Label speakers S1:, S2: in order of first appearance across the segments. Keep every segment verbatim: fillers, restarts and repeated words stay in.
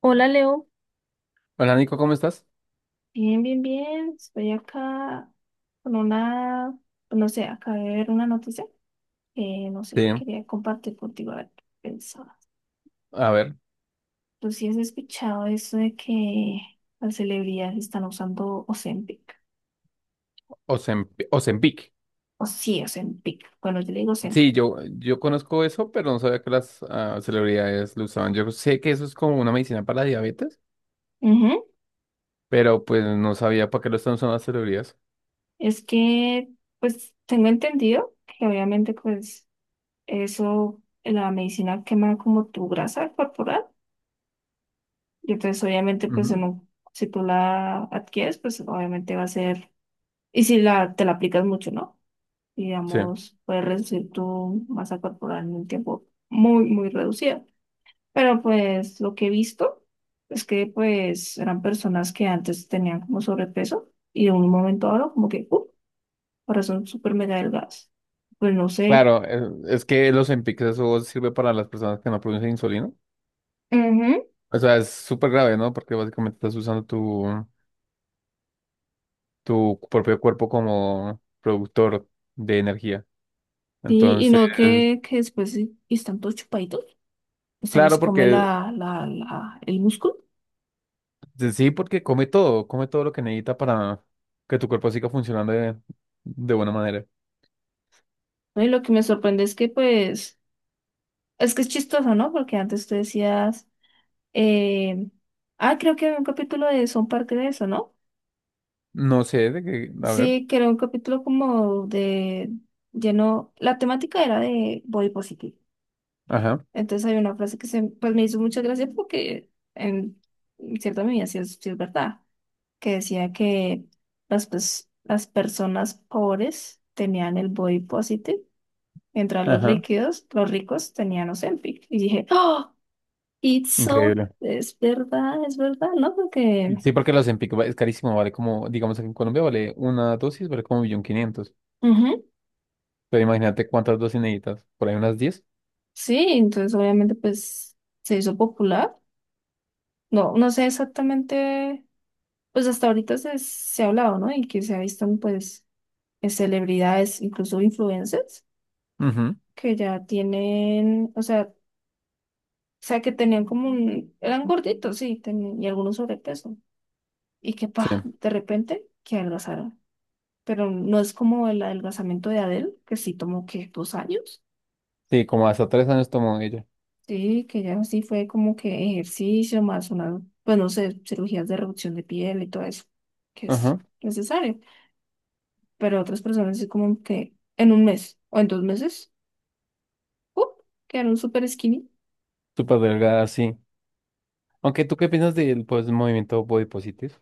S1: Hola Leo,
S2: Hola Nico, ¿cómo estás?
S1: bien, bien, bien. Estoy acá con una, no sé, acabé de ver una noticia que no
S2: Sí,
S1: sé, quería compartir contigo a ver qué pensabas.
S2: a ver,
S1: ¿Tú sí has escuchado eso de que las celebridades están usando Ozempic?
S2: Ozemp- Ozempic.
S1: O sí, Ozempic. Bueno, yo le digo Ozempic.
S2: Sí, yo, yo conozco eso, pero no sabía que las ah, celebridades lo usaban. Yo sé que eso es como una medicina para la diabetes,
S1: Ujú.
S2: pero pues no sabía para qué lo están usando las celebridades.
S1: Es que, pues, tengo entendido que obviamente, pues, eso, la medicina quema como tu grasa corporal. Y entonces, obviamente, pues
S2: Ujú.
S1: en un- si tú la adquieres, pues obviamente va a ser, y si la, te la aplicas mucho, ¿no?
S2: Sí,
S1: Digamos, puedes reducir tu masa corporal en un tiempo muy, muy reducido. Pero pues lo que he visto es que pues eran personas que antes tenían como sobrepeso y de un momento a otro como que, ¡uh!, ahora son súper mega delgadas. Pues no sé.
S2: claro, eh, es que los Ozempic eso sirve para las personas que no producen insulina.
S1: Ujú.
S2: O sea, es súper grave, ¿no? Porque básicamente estás usando tu, tu propio cuerpo como productor de energía.
S1: Sí, y
S2: Entonces,
S1: no que, que después sí, y están todos chupaditos, pues se les
S2: claro,
S1: come
S2: porque
S1: la, la, la, el músculo.
S2: sí, sí, porque come todo, come todo lo que necesita para que tu cuerpo siga funcionando de, de buena manera.
S1: No, y lo que me sorprende es que, pues, es que es chistoso, ¿no? Porque antes tú decías, eh, ah, creo que había un capítulo de Son parte de eso, ¿no?
S2: No sé, de que, a ver,
S1: Sí, que era un capítulo como de lleno, la temática era de body positive.
S2: ajá,
S1: Entonces hay una frase que se, pues me hizo mucha gracia porque en cierta medida sí es, sí es verdad, que decía que las, pues, las personas pobres tenían el body positive, mientras los
S2: ajá,
S1: ricos, los ricos tenían Ozempic. Y dije, ¡oh! It's so,
S2: increíble.
S1: es verdad, es verdad, ¿no?
S2: Y
S1: Porque,
S2: sí, porque la Ozempic va- es carísimo, vale como, digamos aquí en Colombia vale una dosis, vale como un millón quinientos.
S1: ujú,
S2: Pero imagínate cuántas dosis necesitas, por ahí unas diez.
S1: sí, entonces obviamente pues se hizo popular. No, no sé exactamente, pues hasta ahorita se, se ha hablado, ¿no? Y que se ha visto, pues eh, celebridades, incluso influencers,
S2: Ujú.
S1: que ya tienen, o sea, o sea, que tenían como un, eran gorditos, sí, tenían, y algunos sobrepeso. Y que,
S2: Sí,
S1: pa, de repente, que adelgazaron. Pero no es como el adelgazamiento de Adele, que sí tomó, que Dos años.
S2: sí, como hasta tres años tomó ella.
S1: Sí, que ya sí fue como que ejercicio más una, pues no sé, cirugías de reducción de piel y todo eso, que es
S2: Ajá,
S1: necesario. Pero otras personas es como que en un mes o en dos meses, ¡uh!, quedaron súper skinny.
S2: súper delgada, sí. Aunque, ¿tú qué piensas del, pues, movimiento body positive?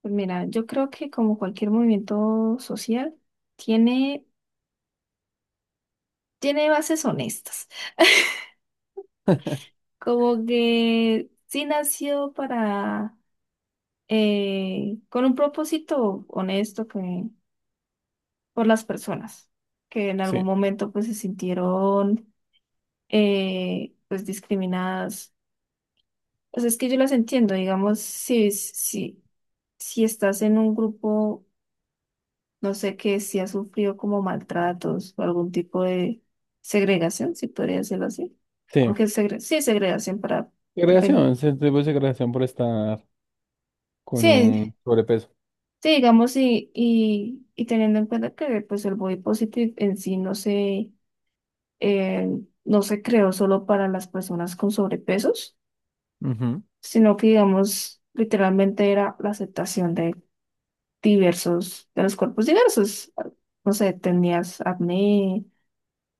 S1: Pues mira, yo creo que como cualquier movimiento social, tiene, tiene, bases honestas. Como que sí nació para, eh, con un propósito honesto que por las personas que en algún
S2: Sí,
S1: momento pues se sintieron, eh, pues discriminadas. Pues es que yo las entiendo, digamos, si, si, si, estás en un grupo, no sé, que si has sufrido como maltratos o algún tipo de segregación, si podría decirlo así.
S2: sí.
S1: Aunque segre- sí, segregación para... depen-
S2: Segregación, se tuvo segregación por estar con
S1: Sí,
S2: un sobrepeso.
S1: sí, digamos, y, y, y teniendo en cuenta que pues el body positive en sí no se eh, no se creó solo para las personas con sobrepesos,
S2: Ujú.
S1: sino que, digamos, literalmente era la aceptación de diversos, de los cuerpos diversos. No sé, tenías acné,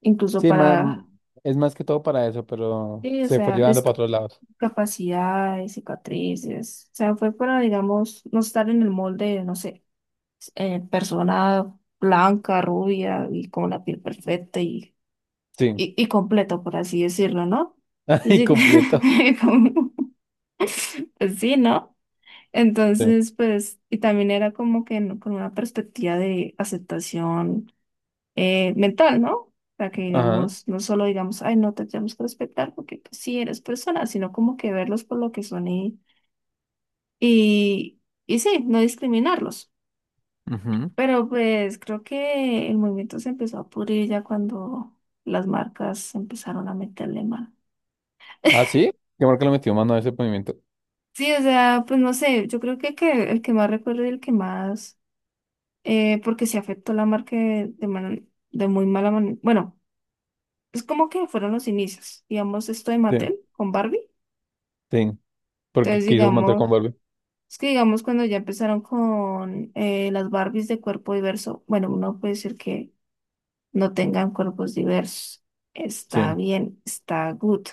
S1: incluso
S2: Sí, ma-
S1: para,
S2: es más que todo para eso, pero
S1: sí, o
S2: se fue
S1: sea,
S2: llevando para otros lados.
S1: discapacidades, cicatrices. O sea, fue para, digamos, no estar en el molde, no sé, eh, persona blanca, rubia y con la piel perfecta y,
S2: Sí.
S1: y, y completo, por así decirlo, ¿no?
S2: Ay,
S1: Así
S2: completo.
S1: que, pues sí, ¿no?
S2: Sí.
S1: Entonces, pues, y también era como que no- con una perspectiva de aceptación eh, mental, ¿no? O sea, que
S2: Ajá.
S1: digamos, no solo digamos, ay, no te tenemos que respetar porque pues, sí eres persona, sino como que verlos por lo que son y, y, y sí, no discriminarlos.
S2: Ujú.
S1: Pero pues creo que el movimiento se empezó a pudrir ya cuando las marcas empezaron a meterle mano.
S2: Ah, sí. ¿Qué marca le metió mano a ese movimiento?
S1: Sí, o sea, pues no sé, yo creo que, que el que más recuerdo y el que más eh, porque se afectó la marca de, de, man- de muy mala manera. Bueno, es como que fueron los inicios. Digamos, esto de
S2: Sí,
S1: Mattel con Barbie.
S2: sí. Porque
S1: Entonces,
S2: quiso mantener
S1: digamos,
S2: con Barbie.
S1: es que digamos cuando ya empezaron con eh, las Barbies de cuerpo diverso, bueno, uno puede decir que no tengan cuerpos diversos.
S2: Sí,
S1: Está bien, está good.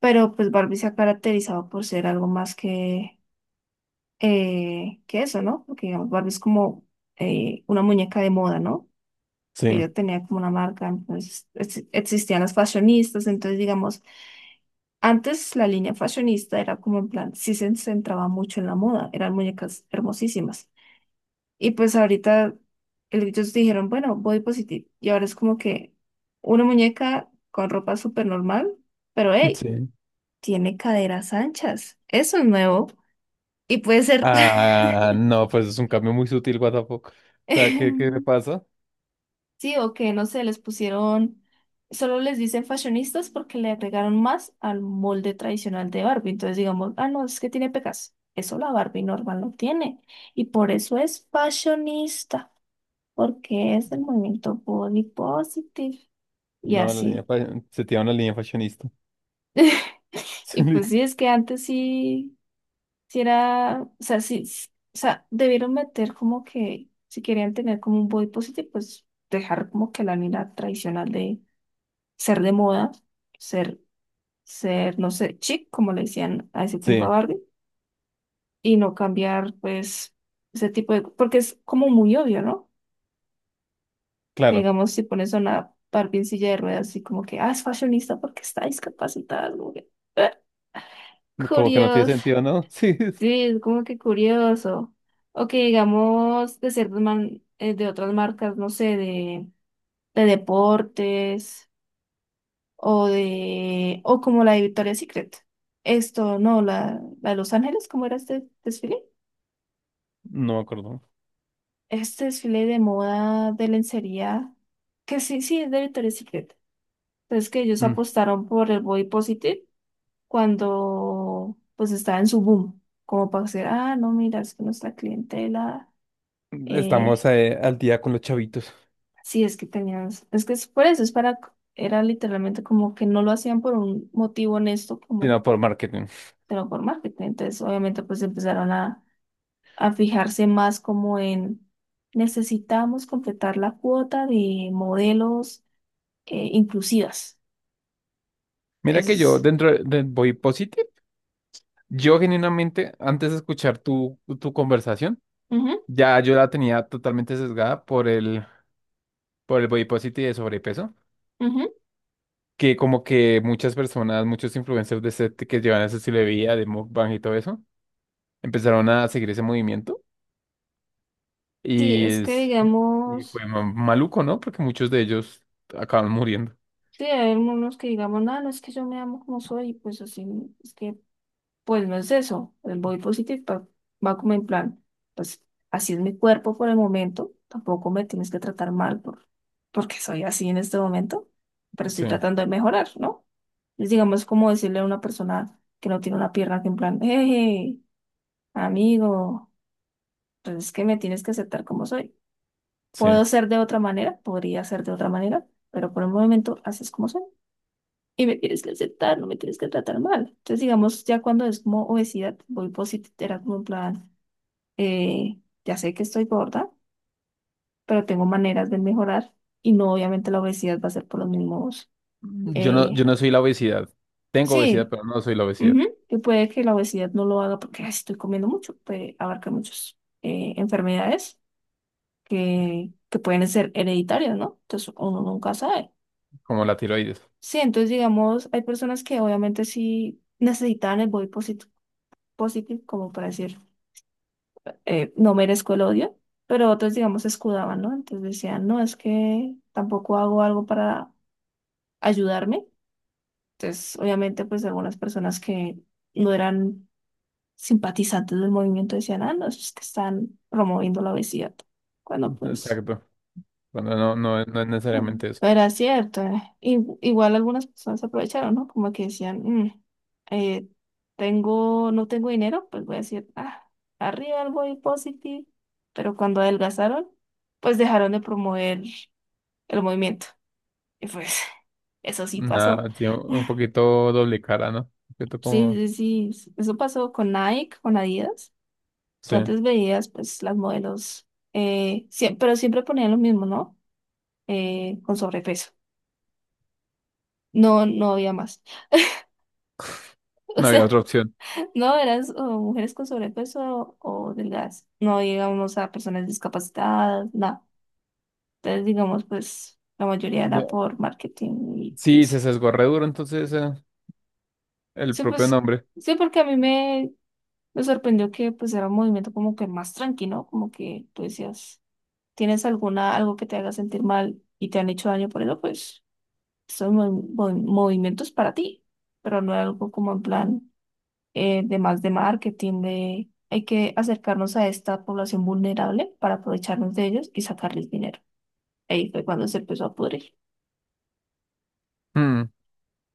S1: Pero pues Barbie se ha caracterizado por ser algo más que, eh, que eso, ¿no? Porque digamos, Barbie es como eh, una muñeca de moda, ¿no? Que
S2: sí,
S1: yo tenía como una marca, entonces ex- existían las fashionistas, entonces digamos, antes la línea fashionista era como en plan, sí se centraba mucho en la moda, eran muñecas hermosísimas. Y pues ahorita el- ellos dijeron, bueno, body positive, y ahora es como que una muñeca con ropa súper normal, pero hey,
S2: sí.
S1: tiene caderas anchas, eso es nuevo y puede ser...
S2: Ah, no, pues es un cambio muy sutil, what the fuck. O sea, ¿qué, qué le pasa?
S1: Sí, o que no sé, les pusieron, solo les dicen fashionistas porque le agregaron más al molde tradicional de Barbie. Entonces digamos, ah, no, es que tiene pecas. Eso la Barbie normal no tiene. Y por eso es fashionista, porque es el movimiento body positive. Y
S2: No, la línea
S1: así.
S2: fa- se tira una línea fashionista.
S1: Y pues sí, es que antes sí, sí era, o sea, sí, s- o sea, debieron meter como que, si querían tener como un body positive, pues dejar como que la línea tradicional de ser de moda, ser ser, no sé, chic, como le decían a ese tiempo a
S2: Sí,
S1: Barbie, y no cambiar, pues, ese tipo de, porque es como muy obvio, ¿no? Que
S2: claro.
S1: digamos, si pones a una Barbie en silla de ruedas, así como que, ah, es fashionista porque está discapacitada, como que, "Ah,
S2: Como que no tiene
S1: curioso,
S2: sentido, ¿no? Sí, es-
S1: sí, es como que curioso. O que digamos, de ciertas man- eh, de otras marcas, no sé, de, de, deportes, o de, o como la de Victoria's Secret. Esto, no, la, la de Los Ángeles, ¿cómo era este desfile?
S2: no me acuerdo.
S1: Este desfile de moda de lencería, que sí, sí, es de Victoria's Secret. Entonces que ellos apostaron por el body positive cuando pues estaba en su boom, como para decir, ah, no, mira, es que nuestra clientela, eh,
S2: Estamos eh, al día con los chavitos,
S1: sí, es que tenían, es que es por eso, es para, era literalmente como que no lo hacían por un motivo honesto, como,
S2: sino por marketing.
S1: pero por marketing. Entonces, obviamente, pues empezaron a, a fijarse más como en necesitamos completar la cuota de modelos eh, inclusivas.
S2: Mira
S1: Eso
S2: que yo
S1: es.
S2: dentro del Body Positive, yo genuinamente, antes de escuchar tu, tu conversación,
S1: Ujú,
S2: ya yo la tenía totalmente sesgada por el, por el, Body Positive de sobrepeso,
S1: ujú.
S2: que como que muchas personas, muchos influencers de ese, que llevan ese estilo de vida, de mukbang y todo eso, empezaron a seguir ese movimiento
S1: Sí,
S2: y,
S1: es que
S2: es- y
S1: digamos,
S2: fue ma- maluco, ¿no? Porque muchos de ellos acaban muriendo.
S1: sí, hay algunos que digamos, no, no es que yo me amo como soy, y pues así, es que, pues no es eso. El body positive pa- va como en plan, pues así es mi cuerpo por el momento, tampoco me tienes que tratar mal por, porque soy así en este momento, pero estoy
S2: Sí,
S1: tratando de mejorar, ¿no? Es digamos como decirle a una persona que no tiene una pierna que en plan, hey, amigo, pues es que me tienes que aceptar como soy.
S2: sí.
S1: Puedo ser de otra manera, podría ser de otra manera, pero por el momento haces como soy. Y me tienes que aceptar, no me tienes que tratar mal. Entonces, digamos, ya cuando es como obesidad, voy positivo, era como en plan, eh, ya sé que estoy gorda, pero tengo maneras de mejorar y no obviamente la obesidad va a ser por los mismos.
S2: Mm, Yo no,
S1: eh,
S2: yo no soy la obesidad. Tengo obesidad,
S1: sí,
S2: pero no soy la obesidad,
S1: ujú, y puede que la obesidad no lo haga porque "Ay, sí estoy comiendo mucho, puede abarcar muchas enfermedades que, que pueden ser hereditarias, ¿no? Entonces, uno nunca sabe.
S2: como la tiroides.
S1: Sí, entonces digamos, hay personas que obviamente sí necesitan el body posit- positive, como para decir, eh, no merezco el odio, pero otros digamos se escudaban, ¿no? Entonces decían, no, es que tampoco hago algo para ayudarme. Entonces, obviamente, pues algunas personas que no eran simpatizantes del movimiento decían, ah, no, es que están promoviendo la obesidad, cuando pues,
S2: Exacto. Bueno, no, no, no es necesariamente eso.
S1: pero es cierto, eh, i- igual algunas personas se aprovecharon, ¿no? Como que decían, "Mm, eh, tengo, no tengo dinero, pues voy a decir, ah, arriba el body positive. Pero cuando adelgazaron, pues dejaron de promover el movimiento. Y pues eso sí pasó.
S2: Nada, tiene un poquito doble cara, ¿no? Un poquito
S1: Sí,
S2: como.
S1: sí, sí, sí, eso pasó con Nike, con Adidas. Tú
S2: Sí,
S1: antes veías, pues, las modelos, eh, siem- pero siempre ponían lo mismo, ¿no? Eh, con sobrepeso. No, no había más. O
S2: no había
S1: sea,
S2: otra opción.
S1: no, eras o mujeres con sobrepeso o delgadas. No, digamos, a personas discapacitadas, nada. Entonces, digamos, pues la mayoría era
S2: Ya.
S1: por marketing y
S2: Sí, se
S1: eso.
S2: sesgó re duro, entonces eh, el
S1: Sí,
S2: propio
S1: pues,
S2: nombre.
S1: sí, porque a mí me, me sorprendió que pues era un movimiento como que más tranquilo, como que tú decías, tienes alguna, algo que te haga sentir mal y te han hecho daño por eso, pues son mo- mo- movimientos para ti, pero no era algo como en plan. Eh, de más de marketing, de hay que acercarnos a esta población vulnerable para aprovecharnos de ellos y sacarles dinero. Ahí fue cuando se empezó a pudrir.
S2: Mm.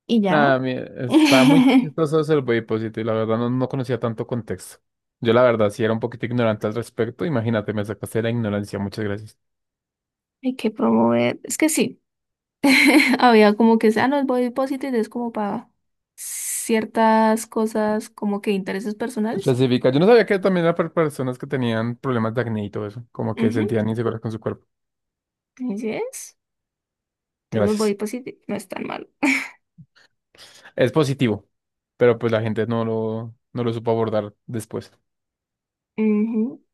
S1: Y ya,
S2: Nada, mi- está muy
S1: hay
S2: chistoso el positivo y la verdad no, no conocía tanto contexto. Yo la verdad sí era un poquito ignorante al respecto. Imagínate, me sacaste de la ignorancia. Muchas gracias.
S1: que promover, es que sí, había como que, ah, no, el body positive es como para ciertas cosas, como que intereses personales.
S2: Específica. Yo no sabía que también era para personas que tenían problemas de acné y todo eso, como que
S1: Ujú,
S2: sentían inseguras con su cuerpo.
S1: así es. Entonces el body
S2: Gracias.
S1: positive no es tan malo.
S2: Es positivo, pero pues la gente no lo, no lo supo abordar después.
S1: Ujú,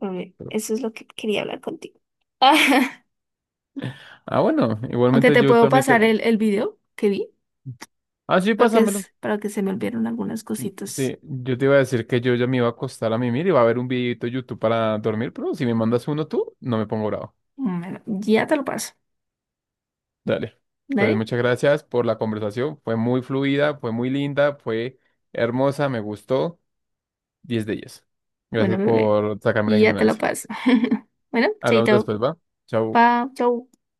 S1: pero bien,
S2: Pero-
S1: eso es lo que quería hablar contigo.
S2: Ah, bueno,
S1: Aunque
S2: igualmente
S1: te
S2: yo
S1: puedo
S2: también
S1: pasar
S2: te.
S1: el, el video que vi.
S2: Ah, sí,
S1: Porque
S2: pásamelo.
S1: es para que se me olvidaron algunas cositas.
S2: Sí, yo te iba a decir que yo ya me iba a acostar a mimir y va a haber un videito de YouTube para dormir, pero si me mandas uno tú, no me pongo bravo.
S1: Bueno, ya te lo paso.
S2: Dale. Entonces,
S1: ¿Dale?
S2: muchas gracias por la conversación. Fue muy fluida, fue muy linda, fue hermosa, me gustó. diez de diez.
S1: Bueno,
S2: Gracias
S1: bebé,
S2: por sacarme la
S1: ya te lo
S2: ignorancia.
S1: paso. Bueno,
S2: Hablamos
S1: chaito.
S2: después, ¿va? Chau.
S1: Pa, chau.